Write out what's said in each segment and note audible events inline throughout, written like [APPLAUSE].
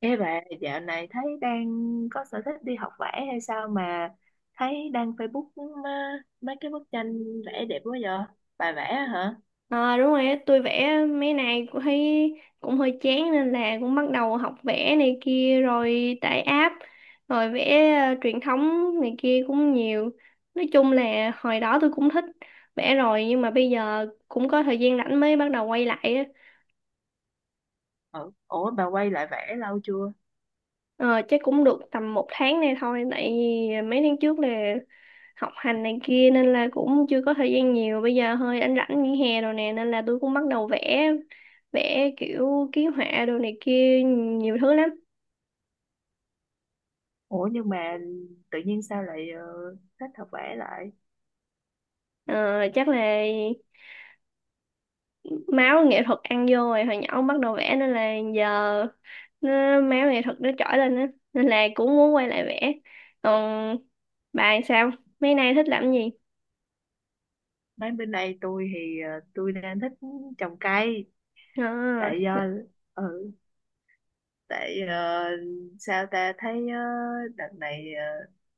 Ê bà, dạo này thấy đang có sở thích đi học vẽ hay sao mà thấy đăng Facebook mấy cái bức tranh vẽ đẹp quá vậy? Bà vẽ hả? Ờ đúng rồi á, tôi vẽ mấy này cũng thấy cũng hơi chán nên là cũng bắt đầu học vẽ này kia rồi tải app rồi vẽ truyền thống này kia cũng nhiều. Nói chung là hồi đó tôi cũng thích vẽ rồi nhưng mà bây giờ cũng có thời gian rảnh mới bắt đầu quay lại á. Ừ. Ủa bà quay lại vẽ lâu chưa? Ờ, chắc cũng được tầm một tháng nay thôi tại vì mấy tháng trước là học hành này kia nên là cũng chưa có thời gian nhiều, bây giờ hơi anh rảnh nghỉ hè rồi nè nên là tôi cũng bắt đầu vẽ vẽ kiểu ký họa đồ này kia nhiều thứ lắm. Ủa nhưng mà tự nhiên sao lại thích học vẽ lại? Ờ, chắc là máu nghệ thuật ăn vô rồi, hồi nhỏ bắt đầu vẽ nên là giờ máu nghệ thuật nó trỗi lên á nên là cũng muốn quay lại vẽ. Còn bà sao, mấy nay thích làm gì? Mấy bên đây tôi đang thích trồng cây. À, Tại do ừ tại ờ, sao ta thấy đợt này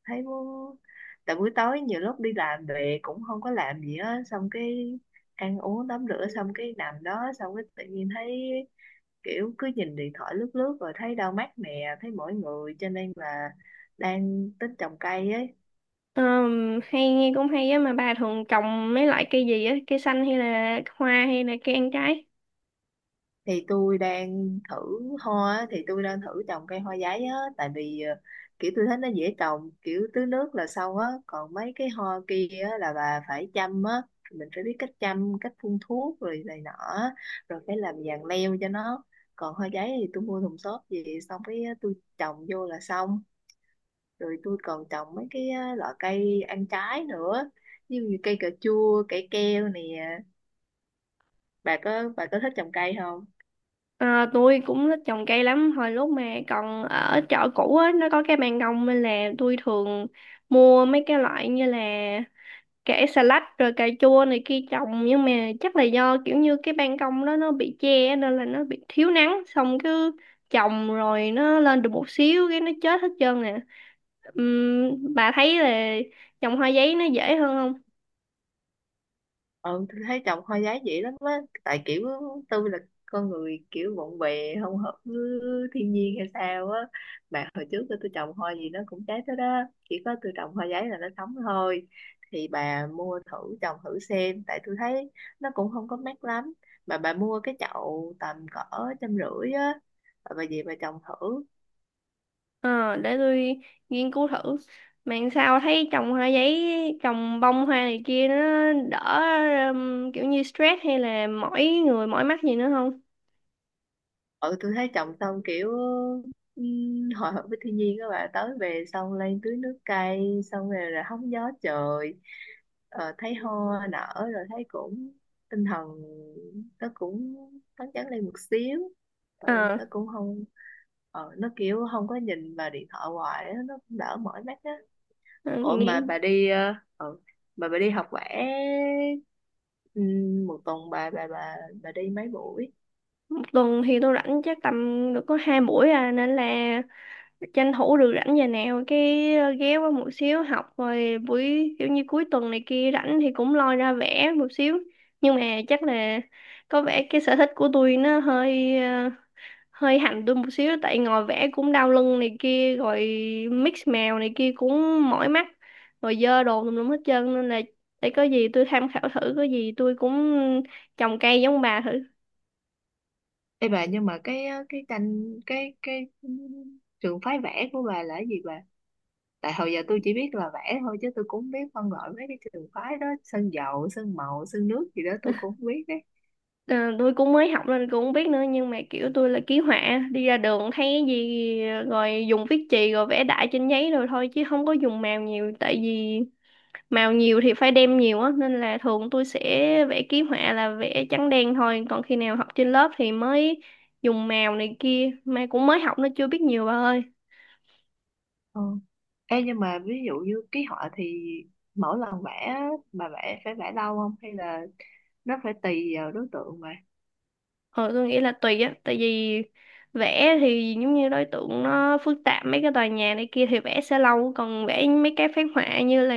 thấy muốn, tại buổi tối nhiều lúc đi làm về cũng không có làm gì á, xong cái ăn uống tắm rửa xong cái nằm đó, xong cái tự nhiên thấy kiểu cứ nhìn điện thoại lướt lướt rồi thấy đau mắt nè, thấy mỏi người cho nên là đang tính trồng cây ấy. Hay nghe cũng hay á, mà bà thường trồng mấy loại cây gì á, cây xanh hay là hoa hay là cây ăn trái? thì tôi đang thử thì tôi đang thử trồng cây hoa giấy á, tại vì kiểu tôi thấy nó dễ trồng, kiểu tưới nước là xong á. Còn mấy cái hoa kia á là bà phải chăm á, mình phải biết cách chăm, cách phun thuốc rồi này nọ á, rồi phải làm giàn leo cho nó. Còn hoa giấy thì tôi mua thùng xốp về xong cái tôi trồng vô là xong. Rồi tôi còn trồng mấy cái loại cây ăn trái nữa, như cây cà chua, cây keo nè. Bà có, bà có thích trồng cây không? À, tôi cũng thích trồng cây lắm, hồi lúc mà còn ở chợ cũ á nó có cái ban công nên là tôi thường mua mấy cái loại như là kẻ xà lách rồi cà chua này kia trồng, nhưng mà chắc là do kiểu như cái ban công đó nó bị che á, nên là nó bị thiếu nắng, xong cứ trồng rồi nó lên được một xíu cái nó chết hết trơn nè. Bà thấy là trồng hoa giấy nó dễ hơn. Ừ, tôi thấy chồng hoa giá dĩ lắm á, tại kiểu tôi là con người kiểu bộn bề không hợp với thiên nhiên hay sao á, mà hồi trước tôi trồng hoa gì nó cũng trái tới đó, chỉ có tôi trồng hoa giấy là nó sống thôi. Thì bà mua thử trồng thử xem, tại tôi thấy nó cũng không có mát lắm, mà bà mua cái chậu tầm cỡ 150 á, bà về bà trồng thử. Ờ, để tôi nghiên cứu thử. Mà sao thấy trồng hoa giấy, trồng bông hoa này kia nó đỡ, kiểu như stress hay là mỏi người mỏi mắt gì nữa không? Ừ, tôi thấy trồng xong kiểu ừm, hòa hợp với thiên nhiên, các bạn tới về xong lên tưới nước cây, xong rồi là hóng gió trời, thấy hoa nở rồi thấy cũng tinh thần nó cũng phấn chấn lên một xíu. Ừ, Ờ. Nó kiểu không có nhìn vào điện thoại hoài á, nó cũng đỡ mỏi mắt á. Ờ. ủa Nghĩ. mà bà đi ờ, ừ, mà bà đi học vẽ, một tuần bà đi mấy buổi? Một tuần thì tôi rảnh chắc tầm được có hai buổi à, nên là tranh thủ được rảnh giờ nào cái ghé qua một xíu học, rồi buổi kiểu như cuối tuần này kia rảnh thì cũng lôi ra vẽ một xíu. Nhưng mà chắc là có vẻ cái sở thích của tôi nó hơi hơi hành tôi một xíu, tại ngồi vẽ cũng đau lưng này kia rồi mix mèo này kia cũng mỏi mắt, rồi dơ đồ tùm lum hết trơn, nên là để có gì tôi tham khảo thử, có gì tôi cũng trồng cây giống bà thử. Ê bà, nhưng mà cái tranh cái trường phái vẽ của bà là cái gì bà? Tại hồi giờ tôi chỉ biết là vẽ thôi chứ tôi cũng không biết phân loại mấy cái trường phái đó, sơn dầu, sơn màu, sơn nước gì đó tôi cũng không biết đấy. Ờ, tôi cũng mới học nên cũng không biết nữa, nhưng mà kiểu tôi là ký họa đi ra đường thấy cái gì rồi dùng viết chì rồi vẽ đại trên giấy rồi thôi, chứ không có dùng mèo nhiều, tại vì màu nhiều thì phải đem nhiều á, nên là thường tôi sẽ vẽ ký họa là vẽ trắng đen thôi, còn khi nào học trên lớp thì mới dùng màu này kia, mà cũng mới học nó chưa biết nhiều bà ơi. Ờ. Ê, nhưng mà ví dụ như ký họa thì mỗi lần vẽ á, bà vẽ phải vẽ lâu không, hay là nó phải tùy vào đối tượng mà. Ờ tôi nghĩ là tùy á, tại vì vẽ thì giống như đối tượng nó phức tạp mấy cái tòa nhà này kia thì vẽ sẽ lâu, còn vẽ mấy cái phác họa như là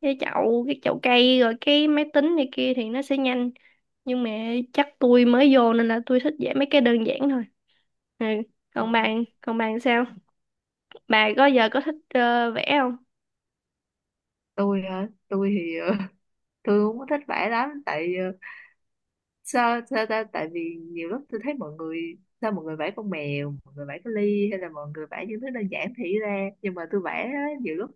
cái chậu cây rồi cái máy tính này kia thì nó sẽ nhanh. Nhưng mà chắc tôi mới vô nên là tôi thích vẽ mấy cái đơn giản thôi. Ừ. Ờ. Còn bạn sao? Bà có giờ có thích vẽ không? Tôi hả? Tôi thì [LAUGHS] tôi không có thích vẽ lắm, tại sao sao ta tại vì nhiều lúc tôi thấy mọi người, sao mọi người vẽ con mèo, mọi người vẽ cái ly, hay là mọi người vẽ những thứ đơn giản thì ra, nhưng mà tôi vẽ á, nhiều lúc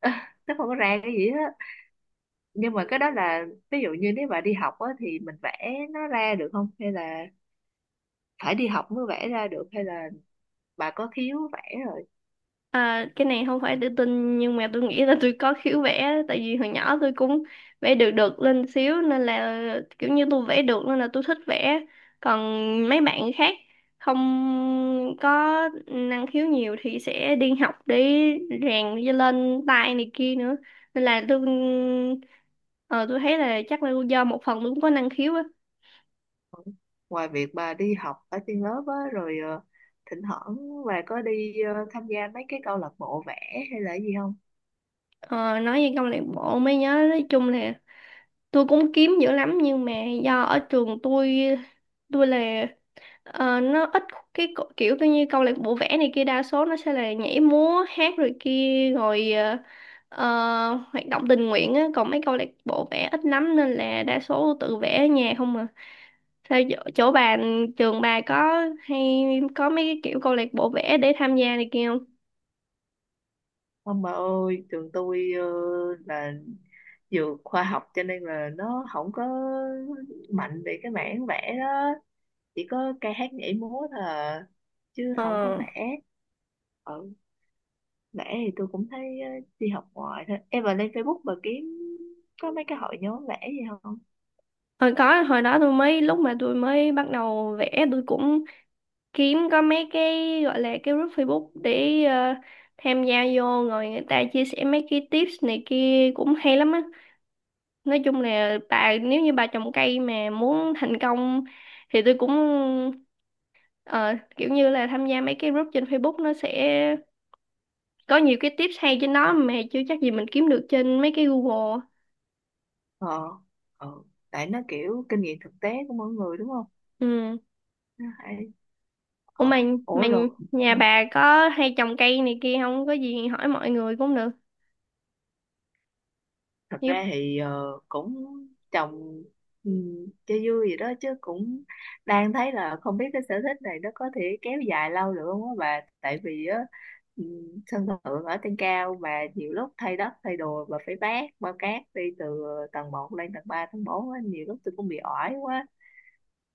[LAUGHS] nó không có ra cái gì hết. Nhưng mà cái đó là, ví dụ như nếu bạn đi học á, thì mình vẽ nó ra được không, hay là phải đi học mới vẽ ra được, hay là bà có khiếu vẽ rồi? À, cái này không phải tự tin nhưng mà tôi nghĩ là tôi có khiếu vẽ, tại vì hồi nhỏ tôi cũng vẽ được được lên xíu nên là kiểu như tôi vẽ được nên là tôi thích vẽ. Còn mấy bạn khác không có năng khiếu nhiều thì sẽ đi học để rèn cho lên tay này kia nữa. Nên là tôi thấy là chắc là do một phần tôi cũng có năng khiếu á. Ngoài việc bà đi học ở trên lớp á, rồi thỉnh thoảng bà có đi tham gia mấy cái câu lạc bộ vẽ hay là gì không? Ờ, nói về câu lạc bộ mới nhớ, nói chung là tôi cũng kiếm dữ lắm nhưng mà do ở trường tôi, tôi là nó ít kiểu coi như câu lạc bộ vẽ này kia đa số nó sẽ là nhảy múa hát rồi kia rồi, ờ, hoạt động tình nguyện á, còn mấy câu lạc bộ vẽ ít lắm nên là đa số tự vẽ ở nhà không à. Sao chỗ bà, trường bà có hay có mấy cái kiểu câu lạc bộ vẽ để tham gia này kia không? Ông bà ơi, trường tôi là dược khoa học, cho nên là nó không có mạnh về cái mảng vẽ đó, chỉ có ca hát nhảy múa thôi à, chứ ờ không có vẽ. Ừ, vẽ thì tôi cũng thấy đi học ngoài thôi. Em vào lên Facebook bà kiếm có mấy cái hội nhóm vẽ gì không? Hồi đó tôi mới, lúc mà tôi mới bắt đầu vẽ tôi cũng kiếm có mấy cái gọi là cái group Facebook để tham gia vô, rồi người ta chia sẻ mấy cái tips này kia cũng hay lắm á. Nói chung là bà, nếu như bà trồng cây mà muốn thành công thì tôi cũng ờ, kiểu như là tham gia mấy cái group trên Facebook, nó sẽ có nhiều cái tips hay trên đó mà chưa chắc gì mình kiếm được trên mấy cái Google. Ờ, ờ, tại nó kiểu kinh nghiệm thực tế của mỗi người đúng không? Ừ. Nó hay. Ủa Ờ, mà ủa rồi. nhà Ờ, bà có hay trồng cây này kia không? Có gì hỏi mọi người cũng được. thật ra Giúp. thì cũng trồng, ừ, cho vui vậy đó, chứ cũng đang thấy là không biết cái sở thích này nó có thể kéo dài lâu được không á bà, tại vì á ừ, sân thượng ở trên cao mà, nhiều lúc thay đất thay đồ và phải vác bao cát đi từ tầng 1 lên tầng 3 tầng 4 á, nhiều lúc tôi cũng bị oải quá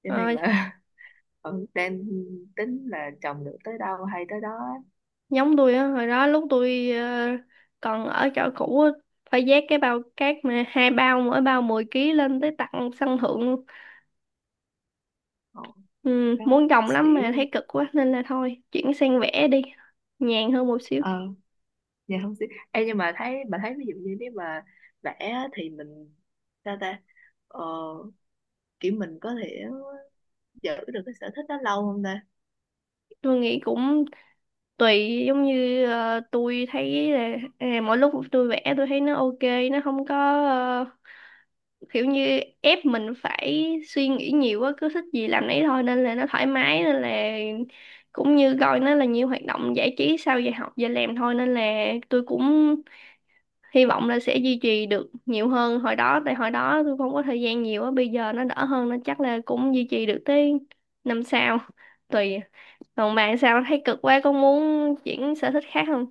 cho nên Ờ. là [LAUGHS] ừ, đang tính là trồng được tới đâu hay tới đó á. Giống tôi á, hồi đó lúc tôi còn ở chỗ cũ á, phải vác cái bao cát, mà hai bao mỗi bao 10 ký lên tới tận sân thượng luôn. Ồ, Ừ, đó muốn trồng lắm xỉu mà thấy cực quá nên là thôi, chuyển sang vẽ đi, nhàn hơn một xíu. dạ không xí. Em nhưng mà thấy, ví dụ như nếu mà vẽ á, thì mình sao ta ờ, kiểu mình có thể giữ được cái sở thích đó lâu không ta? Tôi nghĩ cũng tùy, giống như tôi thấy là mỗi lúc tôi vẽ tôi thấy nó ok, nó không có ờ, kiểu như ép mình phải suy nghĩ nhiều quá, cứ thích gì làm nấy thôi nên là nó thoải mái, nên là cũng như coi nó là nhiều hoạt động giải trí sau giờ học giờ làm thôi, nên là tôi cũng hy vọng là sẽ duy trì được nhiều hơn hồi đó, tại hồi đó tôi không có thời gian nhiều á, bây giờ nó đỡ hơn nên chắc là cũng duy trì được tới năm sau, tùy. Còn bạn sao, thấy cực quá có muốn chuyển sở thích khác không?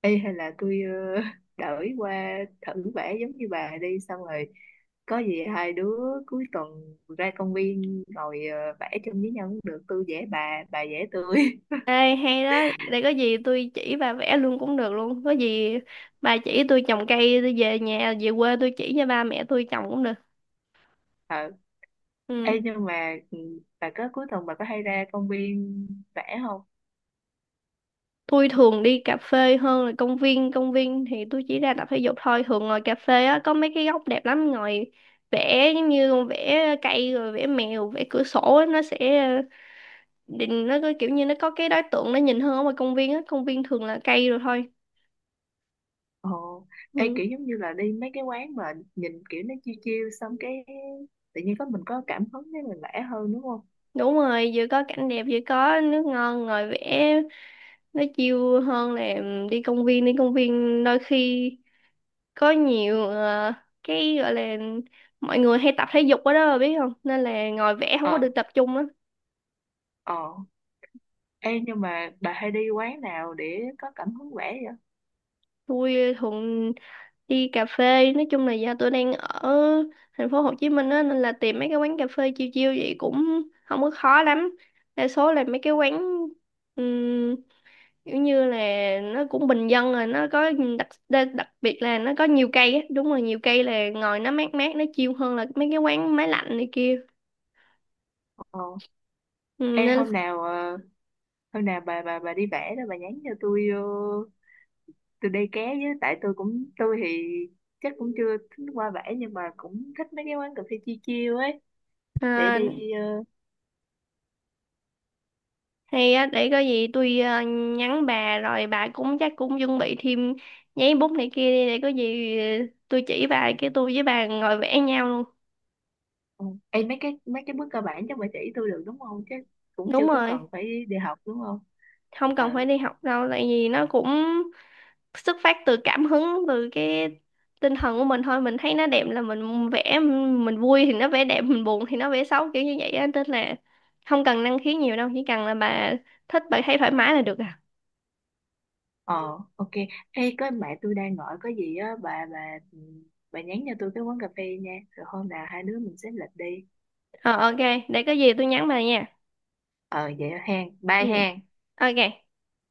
Ê, hay là tôi ờ, [LAUGHS] đổi qua thử vẽ giống như bà đi, xong rồi có gì hai đứa cuối tuần ra công viên ngồi vẽ chung với nhau cũng được, tôi vẽ bà vẽ tôi. Ê, hay đó, để có gì tôi chỉ bà vẽ luôn cũng được luôn. Có gì bà chỉ tôi trồng cây, tôi về nhà, về quê tôi chỉ cho ba mẹ tôi trồng cũng được. [LAUGHS] Ờ. Ừ. Ê, nhưng mà ừ, bà có cuối tuần bà có hay ra công viên vẽ không? Tôi thường đi cà phê hơn là công viên thì tôi chỉ ra tập thể dục thôi. Thường ngồi cà phê á, có mấy cái góc đẹp lắm, ngồi vẽ giống như con vẽ cây rồi vẽ mèo, vẽ cửa sổ á, nó sẽ định, nó có kiểu như nó có cái đối tượng nó nhìn hơn ở ngoài công viên á, công viên thường là cây rồi thôi. Ồ, ê, Ừ. kiểu giống như là đi mấy cái quán mà nhìn kiểu nó chiêu chiêu xong cái tự nhiên có mình có cảm hứng để mình vẽ hơn đúng không? Đúng rồi, vừa có cảnh đẹp vừa có nước ngon ngồi vẽ nó chill hơn là em đi công viên, đôi khi có nhiều cái gọi là mọi người hay tập thể dục ở đó bà biết không, nên là ngồi vẽ không có Ờ, được tập trung á. ờ. Ê, nhưng mà bà hay đi quán nào để có cảm hứng vẽ vậy? Tôi thường đi cà phê, nói chung là do tôi đang ở thành phố Hồ Chí Minh á nên là tìm mấy cái quán cà phê chill chill vậy cũng không có khó lắm. Đa số là mấy cái quán kiểu như là nó cũng bình dân rồi nó có đặc biệt là nó có nhiều cây á, đúng rồi nhiều cây là ngồi nó mát mát, nó chill hơn là mấy cái quán máy lạnh này kia. Ờ. Ừ, Ê, nên. hôm nào hôm nào bà đi vẽ đó, bà nhắn cho tôi tôi đây ké với, tại tôi thì chắc cũng chưa thích qua vẽ nhưng mà cũng thích mấy cái quán cà phê chiêu chiêu ấy để à, đi, ờ, Hay á, để có gì tôi nhắn bà, rồi bà cũng chắc cũng chuẩn bị thêm giấy bút này kia đi, để có gì tôi chỉ bà, cái tôi với bà ngồi vẽ nhau luôn. Ừ. Ê, mấy cái bước cơ bản chắc bà chỉ tôi được đúng không, chứ cũng chưa Đúng có cần rồi, phải đi học đúng không? không cần ờ phải đi học đâu, tại vì nó cũng xuất phát từ cảm hứng, từ cái tinh thần của mình thôi, mình thấy nó đẹp là mình vẽ, mình vui thì nó vẽ đẹp, mình buồn thì nó vẽ xấu kiểu như vậy á, nên là không cần năng khiếu nhiều đâu, chỉ cần là bà thích, bà thấy thoải mái là được à. ờ ok. Ê, có mẹ tôi đang gọi có gì á bà nhắn cho tôi cái quán cà phê nha, rồi hôm nào hai đứa mình xếp lịch đi. Ờ, ok. Để có gì tôi nhắn bà nha. Ờ vậy hen, bye Ừ, hen. ok.